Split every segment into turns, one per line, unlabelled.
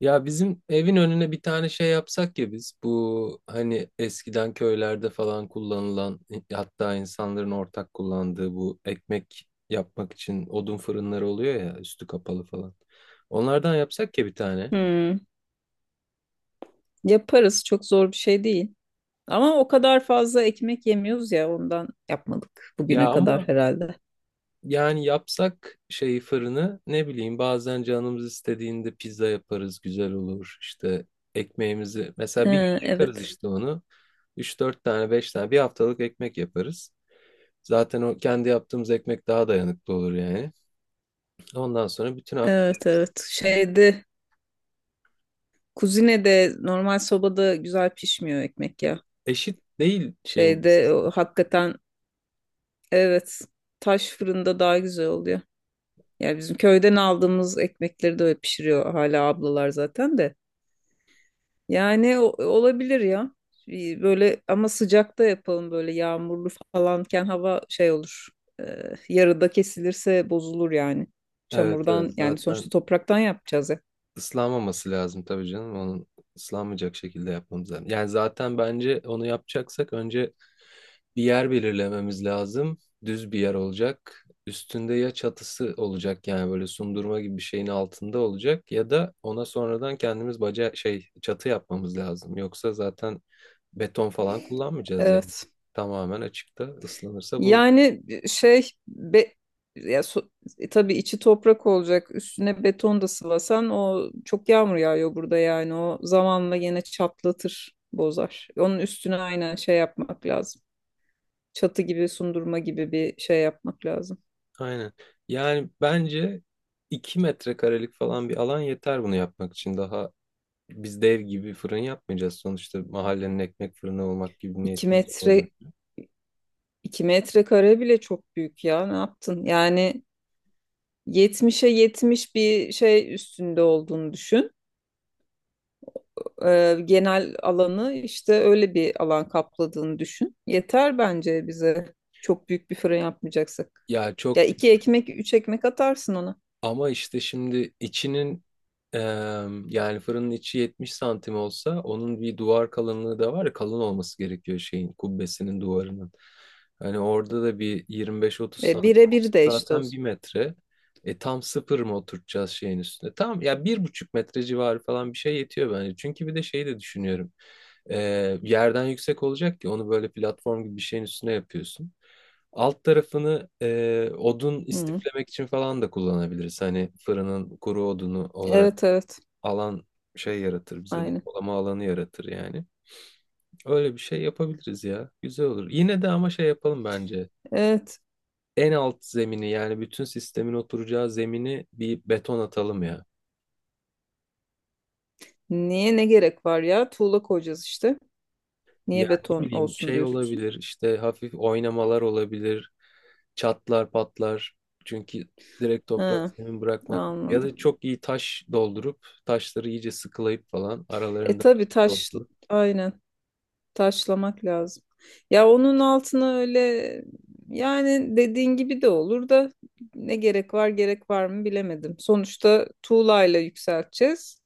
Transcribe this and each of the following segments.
Ya bizim evin önüne bir tane şey yapsak ya, biz bu hani eskiden köylerde falan kullanılan, hatta insanların ortak kullandığı bu ekmek yapmak için odun fırınları oluyor ya, üstü kapalı falan. Onlardan yapsak ya bir tane.
Hmm, yaparız. Çok zor bir şey değil. Ama o kadar fazla ekmek yemiyoruz ya ondan yapmadık
Ya
bugüne kadar
ama
herhalde.
yani yapsak şeyi, fırını, ne bileyim, bazen canımız istediğinde pizza yaparız, güzel olur işte, ekmeğimizi mesela bir
Ee,
gün yakarız
evet.
işte, onu üç dört tane, 5 tane, bir haftalık ekmek yaparız. Zaten o kendi yaptığımız ekmek daha dayanıklı olur yani. Ondan sonra bütün hafta
Evet evet. Kuzinede normal sobada güzel pişmiyor ekmek ya.
eşit değil şeyin
Şeyde o,
ısısı.
hakikaten evet, taş fırında daha güzel oluyor. Yani bizim köyden aldığımız ekmekleri de öyle pişiriyor hala ablalar zaten de. Yani olabilir ya. Böyle ama sıcakta yapalım, böyle yağmurlu falanken hava şey olur. Yarıda kesilirse bozulur yani.
Evet evet,
Çamurdan, yani
zaten
sonuçta topraktan yapacağız ya.
ıslanmaması lazım tabii canım. Onun ıslanmayacak şekilde yapmamız lazım. Yani zaten bence onu yapacaksak önce bir yer belirlememiz lazım. Düz bir yer olacak. Üstünde ya çatısı olacak, yani böyle sundurma gibi bir şeyin altında olacak, ya da ona sonradan kendimiz baca, şey, çatı yapmamız lazım. Yoksa zaten beton falan kullanmayacağız yani.
Evet.
Tamamen açıkta ıslanırsa bu.
Yani e, şey be, ya so- e, tabii içi toprak olacak. Üstüne beton da sıvasan, o çok yağmur yağıyor burada yani. O zamanla yine çatlatır, bozar. Onun üstüne aynen şey yapmak lazım. Çatı gibi, sundurma gibi bir şey yapmak lazım.
Aynen. Yani bence 2 metrekarelik falan bir alan yeter bunu yapmak için. Daha biz dev gibi fırın yapmayacağız. Sonuçta mahallenin ekmek fırını olmak gibi
İki
niyetimiz olmadı.
metre, 2 metrekare bile çok büyük ya. Ne yaptın? Yani 70'e 70 bir şey üstünde olduğunu düşün. Genel alanı, işte öyle bir alan kapladığını düşün. Yeter bence bize. Çok büyük bir fırın yapmayacaksak.
Ya
Ya
çok
iki ekmek, üç ekmek atarsın ona.
Ama işte şimdi içinin eee, yani fırının içi 70 santim olsa, onun bir duvar kalınlığı da var ya, kalın olması gerekiyor şeyin kubbesinin duvarının. Hani orada da bir 25-30
E,
santim
bire bir
olsa,
de işte o
zaten bir
zaman.
metre. E tam sıfır mı oturtacağız şeyin üstüne? Tam ya 1,5 metre civarı falan bir şey yetiyor bence. Çünkü bir de şeyi de düşünüyorum. Yerden yüksek olacak ki, onu böyle platform gibi bir şeyin üstüne yapıyorsun. Alt tarafını odun
Hı.
istiflemek için falan da kullanabiliriz. Hani fırının kuru odunu olarak
Evet evet.
alan şey yaratır, bize
Aynen.
depolama alanı yaratır yani. Öyle bir şey yapabiliriz ya. Güzel olur. Yine de ama şey yapalım bence.
Evet.
En alt zemini, yani bütün sistemin oturacağı zemini bir beton atalım ya.
Niye, ne gerek var ya? Tuğla koyacağız işte.
Yani
Niye
ne
beton
bileyim,
olsun
şey
diyorsun?
olabilir işte, hafif oynamalar olabilir. Çatlar patlar. Çünkü direkt toprak
Ha,
zemin bırakmak. Ya
anladım.
da çok iyi taş doldurup, taşları iyice sıkılayıp falan
E
aralarında
tabii taş,
doldurup.
aynen. Taşlamak lazım. Ya onun altına öyle, yani dediğin gibi de olur da, ne gerek var, gerek var mı bilemedim. Sonuçta tuğlayla yükselteceğiz.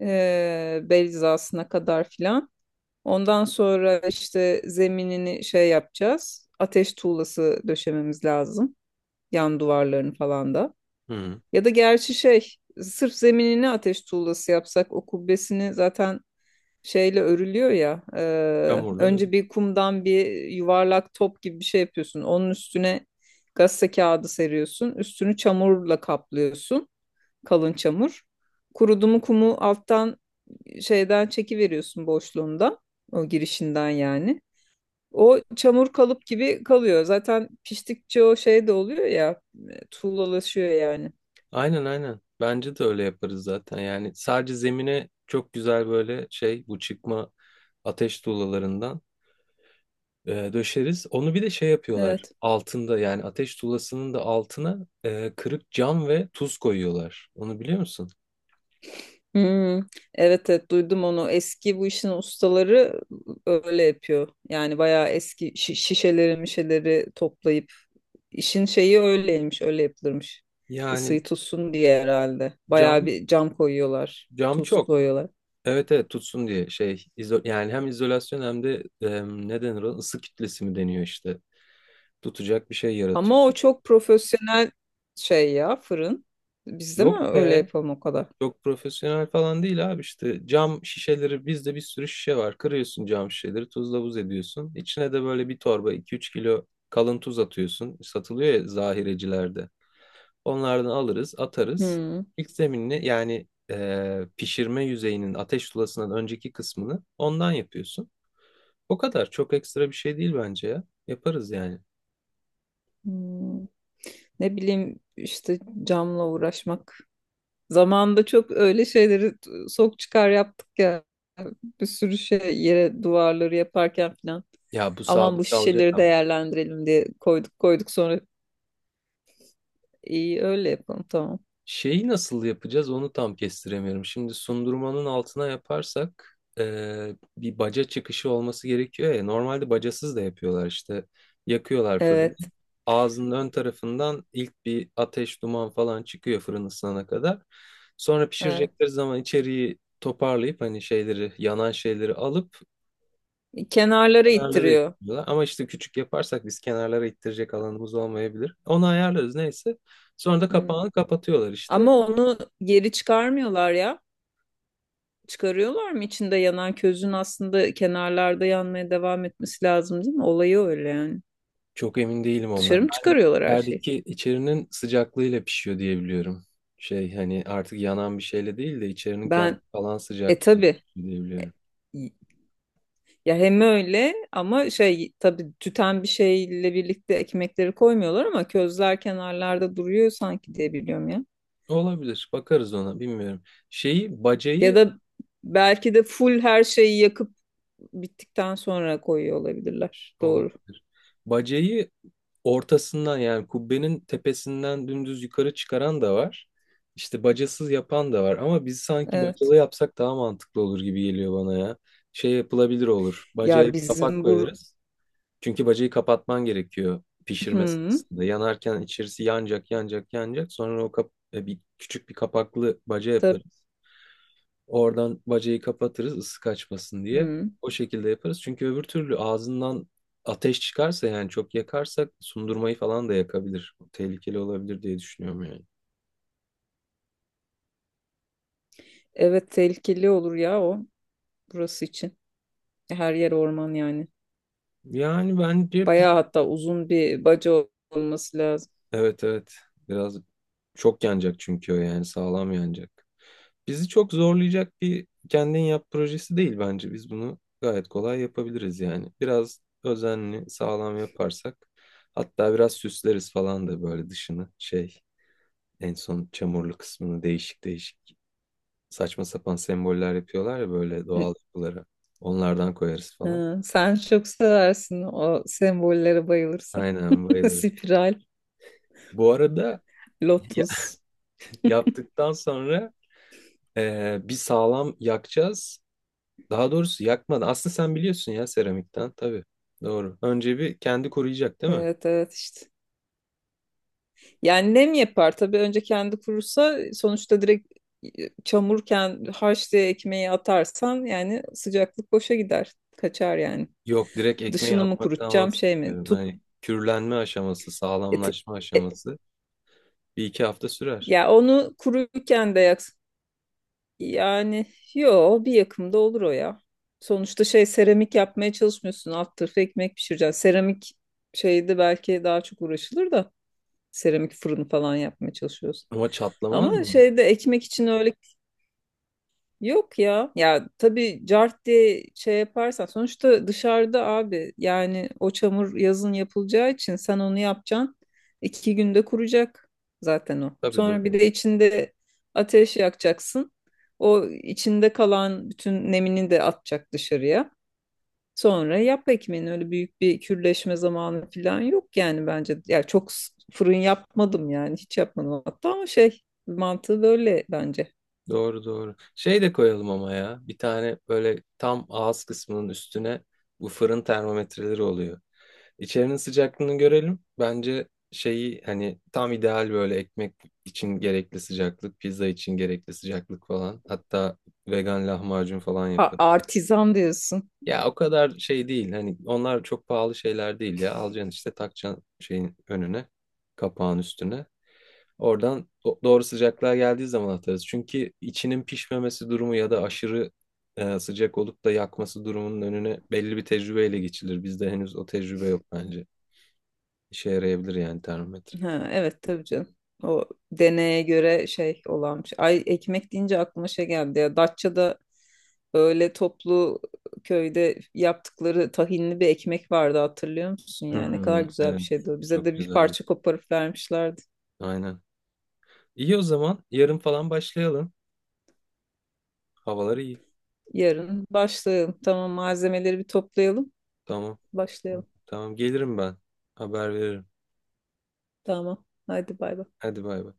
Bel hizasına kadar filan. Ondan sonra işte zeminini şey yapacağız. Ateş tuğlası döşememiz lazım. Yan duvarlarını falan da.
Hı.
Ya da gerçi şey, sırf zeminini ateş tuğlası yapsak, o kubbesini zaten şeyle örülüyor ya. e,
Çamurlu.
önce bir kumdan bir yuvarlak top gibi bir şey yapıyorsun. Onun üstüne gazete kağıdı seriyorsun. Üstünü çamurla kaplıyorsun. Kalın çamur. Kurudu mu kumu alttan şeyden çekiveriyorsun boşluğunda. O girişinden yani. O çamur kalıp gibi kalıyor. Zaten piştikçe o şey de oluyor ya. Tuğlalaşıyor yani.
Aynen aynen. Bence de öyle yaparız zaten. Yani sadece zemine çok güzel böyle şey, bu çıkma ateş tuğlalarından döşeriz. Onu bir de şey yapıyorlar.
Evet.
Altında, yani ateş tuğlasının da altına kırık cam ve tuz koyuyorlar. Onu biliyor musun?
Hmm, evet evet, duydum onu. Eski bu işin ustaları öyle yapıyor. Yani bayağı eski şişeleri mişeleri toplayıp, işin şeyi öyleymiş, öyle yapılırmış.
Yani
Isıyı tutsun diye herhalde. Bayağı
cam,
bir cam koyuyorlar,
cam
tuz
çok.
koyuyorlar.
Evet evet, tutsun diye şey, izo, yani hem izolasyon hem de ne denir ona, ısı kütlesi mi deniyor işte, tutacak bir şey
Ama
yaratıyor.
o çok profesyonel şey ya, fırın. Biz de mi
Yok
öyle
be,
yapalım o kadar?
çok profesyonel falan değil abi, işte cam şişeleri, bizde bir sürü şişe var, kırıyorsun cam şişeleri, tuzla buz ediyorsun. İçine de böyle bir torba, iki üç kilo kalın tuz atıyorsun, satılıyor ya zahirecilerde, onlardan alırız atarız.
Hmm.
İlk zeminini, yani pişirme yüzeyinin ateş tulasından önceki kısmını ondan yapıyorsun. O kadar çok ekstra bir şey değil bence ya. Yaparız yani.
Hmm. Ne bileyim işte, camla uğraşmak. Zamanında çok öyle şeyleri sok çıkar yaptık ya. Bir sürü şey, yere duvarları yaparken falan.
Ya bu
Aman bu
sabit kalacak
şişeleri
ama.
değerlendirelim diye koyduk koyduk, sonra iyi, öyle yapalım, tamam.
Şeyi nasıl yapacağız onu tam kestiremiyorum. Şimdi sundurmanın altına yaparsak bir baca çıkışı olması gerekiyor ya. Normalde bacasız da yapıyorlar işte. Yakıyorlar fırını.
Evet,
Ağzının ön tarafından ilk bir ateş, duman falan çıkıyor fırın ısınana kadar. Sonra
evet.
pişirecekleri zaman içeriği toparlayıp, hani şeyleri, yanan şeyleri alıp
Kenarlara
kenarlara
ittiriyor.
ittiriyorlar. Ama işte küçük yaparsak biz kenarlara ittirecek alanımız olmayabilir. Onu ayarlarız neyse. Sonra da
Hmm.
kapağını kapatıyorlar işte.
Ama onu geri çıkarmıyorlar ya. Çıkarıyorlar mı? İçinde yanan közün aslında kenarlarda yanmaya devam etmesi lazım değil mi? Olayı öyle yani.
Çok emin değilim
Dışarı
ondan.
mı çıkarıyorlar her şeyi?
İçerideki içerinin sıcaklığıyla pişiyor diye biliyorum. Şey, hani artık yanan bir şeyle değil de içerinin kendi
Ben
falan
e
sıcaklığıyla
tabii
pişiyor diye
E,
biliyorum.
Y- Ya hem öyle, ama şey tabii, tüten bir şeyle birlikte ekmekleri koymuyorlar ama közler kenarlarda duruyor sanki diye biliyorum ya.
Olabilir. Bakarız ona, bilmiyorum. Şeyi
Ya
bacayı
da belki de full her şeyi yakıp bittikten sonra koyuyor olabilirler. Doğru.
Olabilir. Bacayı ortasından, yani kubbenin tepesinden dümdüz yukarı çıkaran da var. İşte bacasız yapan da var. Ama biz sanki
Evet.
bacalı yapsak daha mantıklı olur gibi geliyor bana ya. Şey yapılabilir olur. Bacaya
Ya
bir kapak
bizim bu
koyarız. Çünkü bacayı kapatman gerekiyor pişirme
Hı,
sırasında. Yanarken içerisi yanacak, yanacak, yanacak. Sonra o kap, bir küçük, bir kapaklı baca
tabii.
yaparız. Oradan bacayı kapatırız ısı kaçmasın diye.
Hı.
O şekilde yaparız. Çünkü öbür türlü ağzından ateş çıkarsa, yani çok yakarsak sundurmayı falan da yakabilir. Tehlikeli olabilir diye düşünüyorum yani.
Evet, tehlikeli olur ya o, burası için. Her yer orman yani.
Yani bence biz...
Bayağı hatta uzun bir baca olması lazım.
Evet evet. Biraz çok yanacak çünkü o, yani sağlam yanacak. Bizi çok zorlayacak bir kendin yap projesi değil bence. Biz bunu gayet kolay yapabiliriz yani. Biraz özenli, sağlam yaparsak, hatta biraz süsleriz falan da, böyle dışını şey, en son çamurlu kısmını değişik değişik, saçma sapan semboller yapıyorlar ya böyle doğal yapılara. Onlardan koyarız falan.
Ha, sen çok seversin, o sembollere bayılırsın.
Aynen bayılırım.
Spiral,
Bu arada ya-
lotus.
yaptıktan sonra bir sağlam yakacağız. Daha doğrusu yakmadan. Aslında sen biliyorsun ya, seramikten tabii. Doğru. Önce bir kendi koruyacak değil mi?
Evet evet, işte. Yani nem yapar tabii, önce kendi kurursa, sonuçta direkt e, çamurken, harç diye ekmeği atarsan yani, sıcaklık boşa gider. Kaçar yani.
Yok, direkt ekmeği
Dışını mı
atmaktan
kurutacağım, şey mi?
bahsetmiyorum.
Tut
Hani kürlenme aşaması,
e, t-
sağlamlaşma
e,
aşaması bir iki hafta sürer.
ya onu kuruyken de yak. Yani, yo, bir yakımda olur o ya. Sonuçta şey, seramik yapmaya çalışmıyorsun. Alt tarafı ekmek pişireceksin. Seramik şeyde belki daha çok uğraşılır da, seramik fırını falan yapmaya çalışıyorsun.
Ama çatlamaz
Ama
mı?
şeyde, ekmek için öyle. Yok ya. Ya tabii, cart diye şey yaparsan, sonuçta dışarıda abi yani, o çamur yazın yapılacağı için sen onu yapacaksın. 2 günde kuracak zaten o.
Tabii
Sonra bir de
doğru.
içinde ateş yakacaksın. O içinde kalan bütün nemini de atacak dışarıya. Sonra yap ekmeğini, öyle büyük bir kürleşme zamanı falan yok yani bence. Ya çok fırın yapmadım yani, hiç yapmadım hatta, ama şey, mantığı böyle bence.
Doğru doğru. Şey de koyalım ama ya. Bir tane böyle tam ağız kısmının üstüne, bu fırın termometreleri oluyor. İçerinin sıcaklığını görelim. Bence şeyi, hani tam ideal böyle ekmek için gerekli sıcaklık, pizza için gerekli sıcaklık falan. Hatta vegan lahmacun falan
Ha,
yaparız.
artizan diyorsun.
Ya o kadar şey değil. Hani onlar çok pahalı şeyler değil ya. Alacaksın işte, takacaksın şeyin önüne, kapağın üstüne. Oradan doğru sıcaklığa geldiği zaman atarız. Çünkü içinin pişmemesi durumu, ya da aşırı sıcak olup da yakması durumunun önüne belli bir tecrübeyle geçilir. Bizde henüz o tecrübe yok bence. İşe yarayabilir yani termometre.
Ha, evet tabii canım. O deneye göre şey olanmış. Ay, ekmek deyince aklıma şey geldi ya. Datça'da öyle toplu, köyde yaptıkları tahinli bir ekmek vardı, hatırlıyor musun? Yani ne kadar
Hmm,
güzel bir şeydi
evet.
o. Bize
Çok
de bir
güzel.
parça koparıp vermişlerdi.
Aynen. İyi o zaman. Yarın falan başlayalım. Havalar iyi.
Yarın başlayalım. Tamam, malzemeleri bir toplayalım.
Tamam.
Başlayalım.
Tamam gelirim ben. Haber veririm.
Tamam. Hadi bay bay.
Hadi bay bay.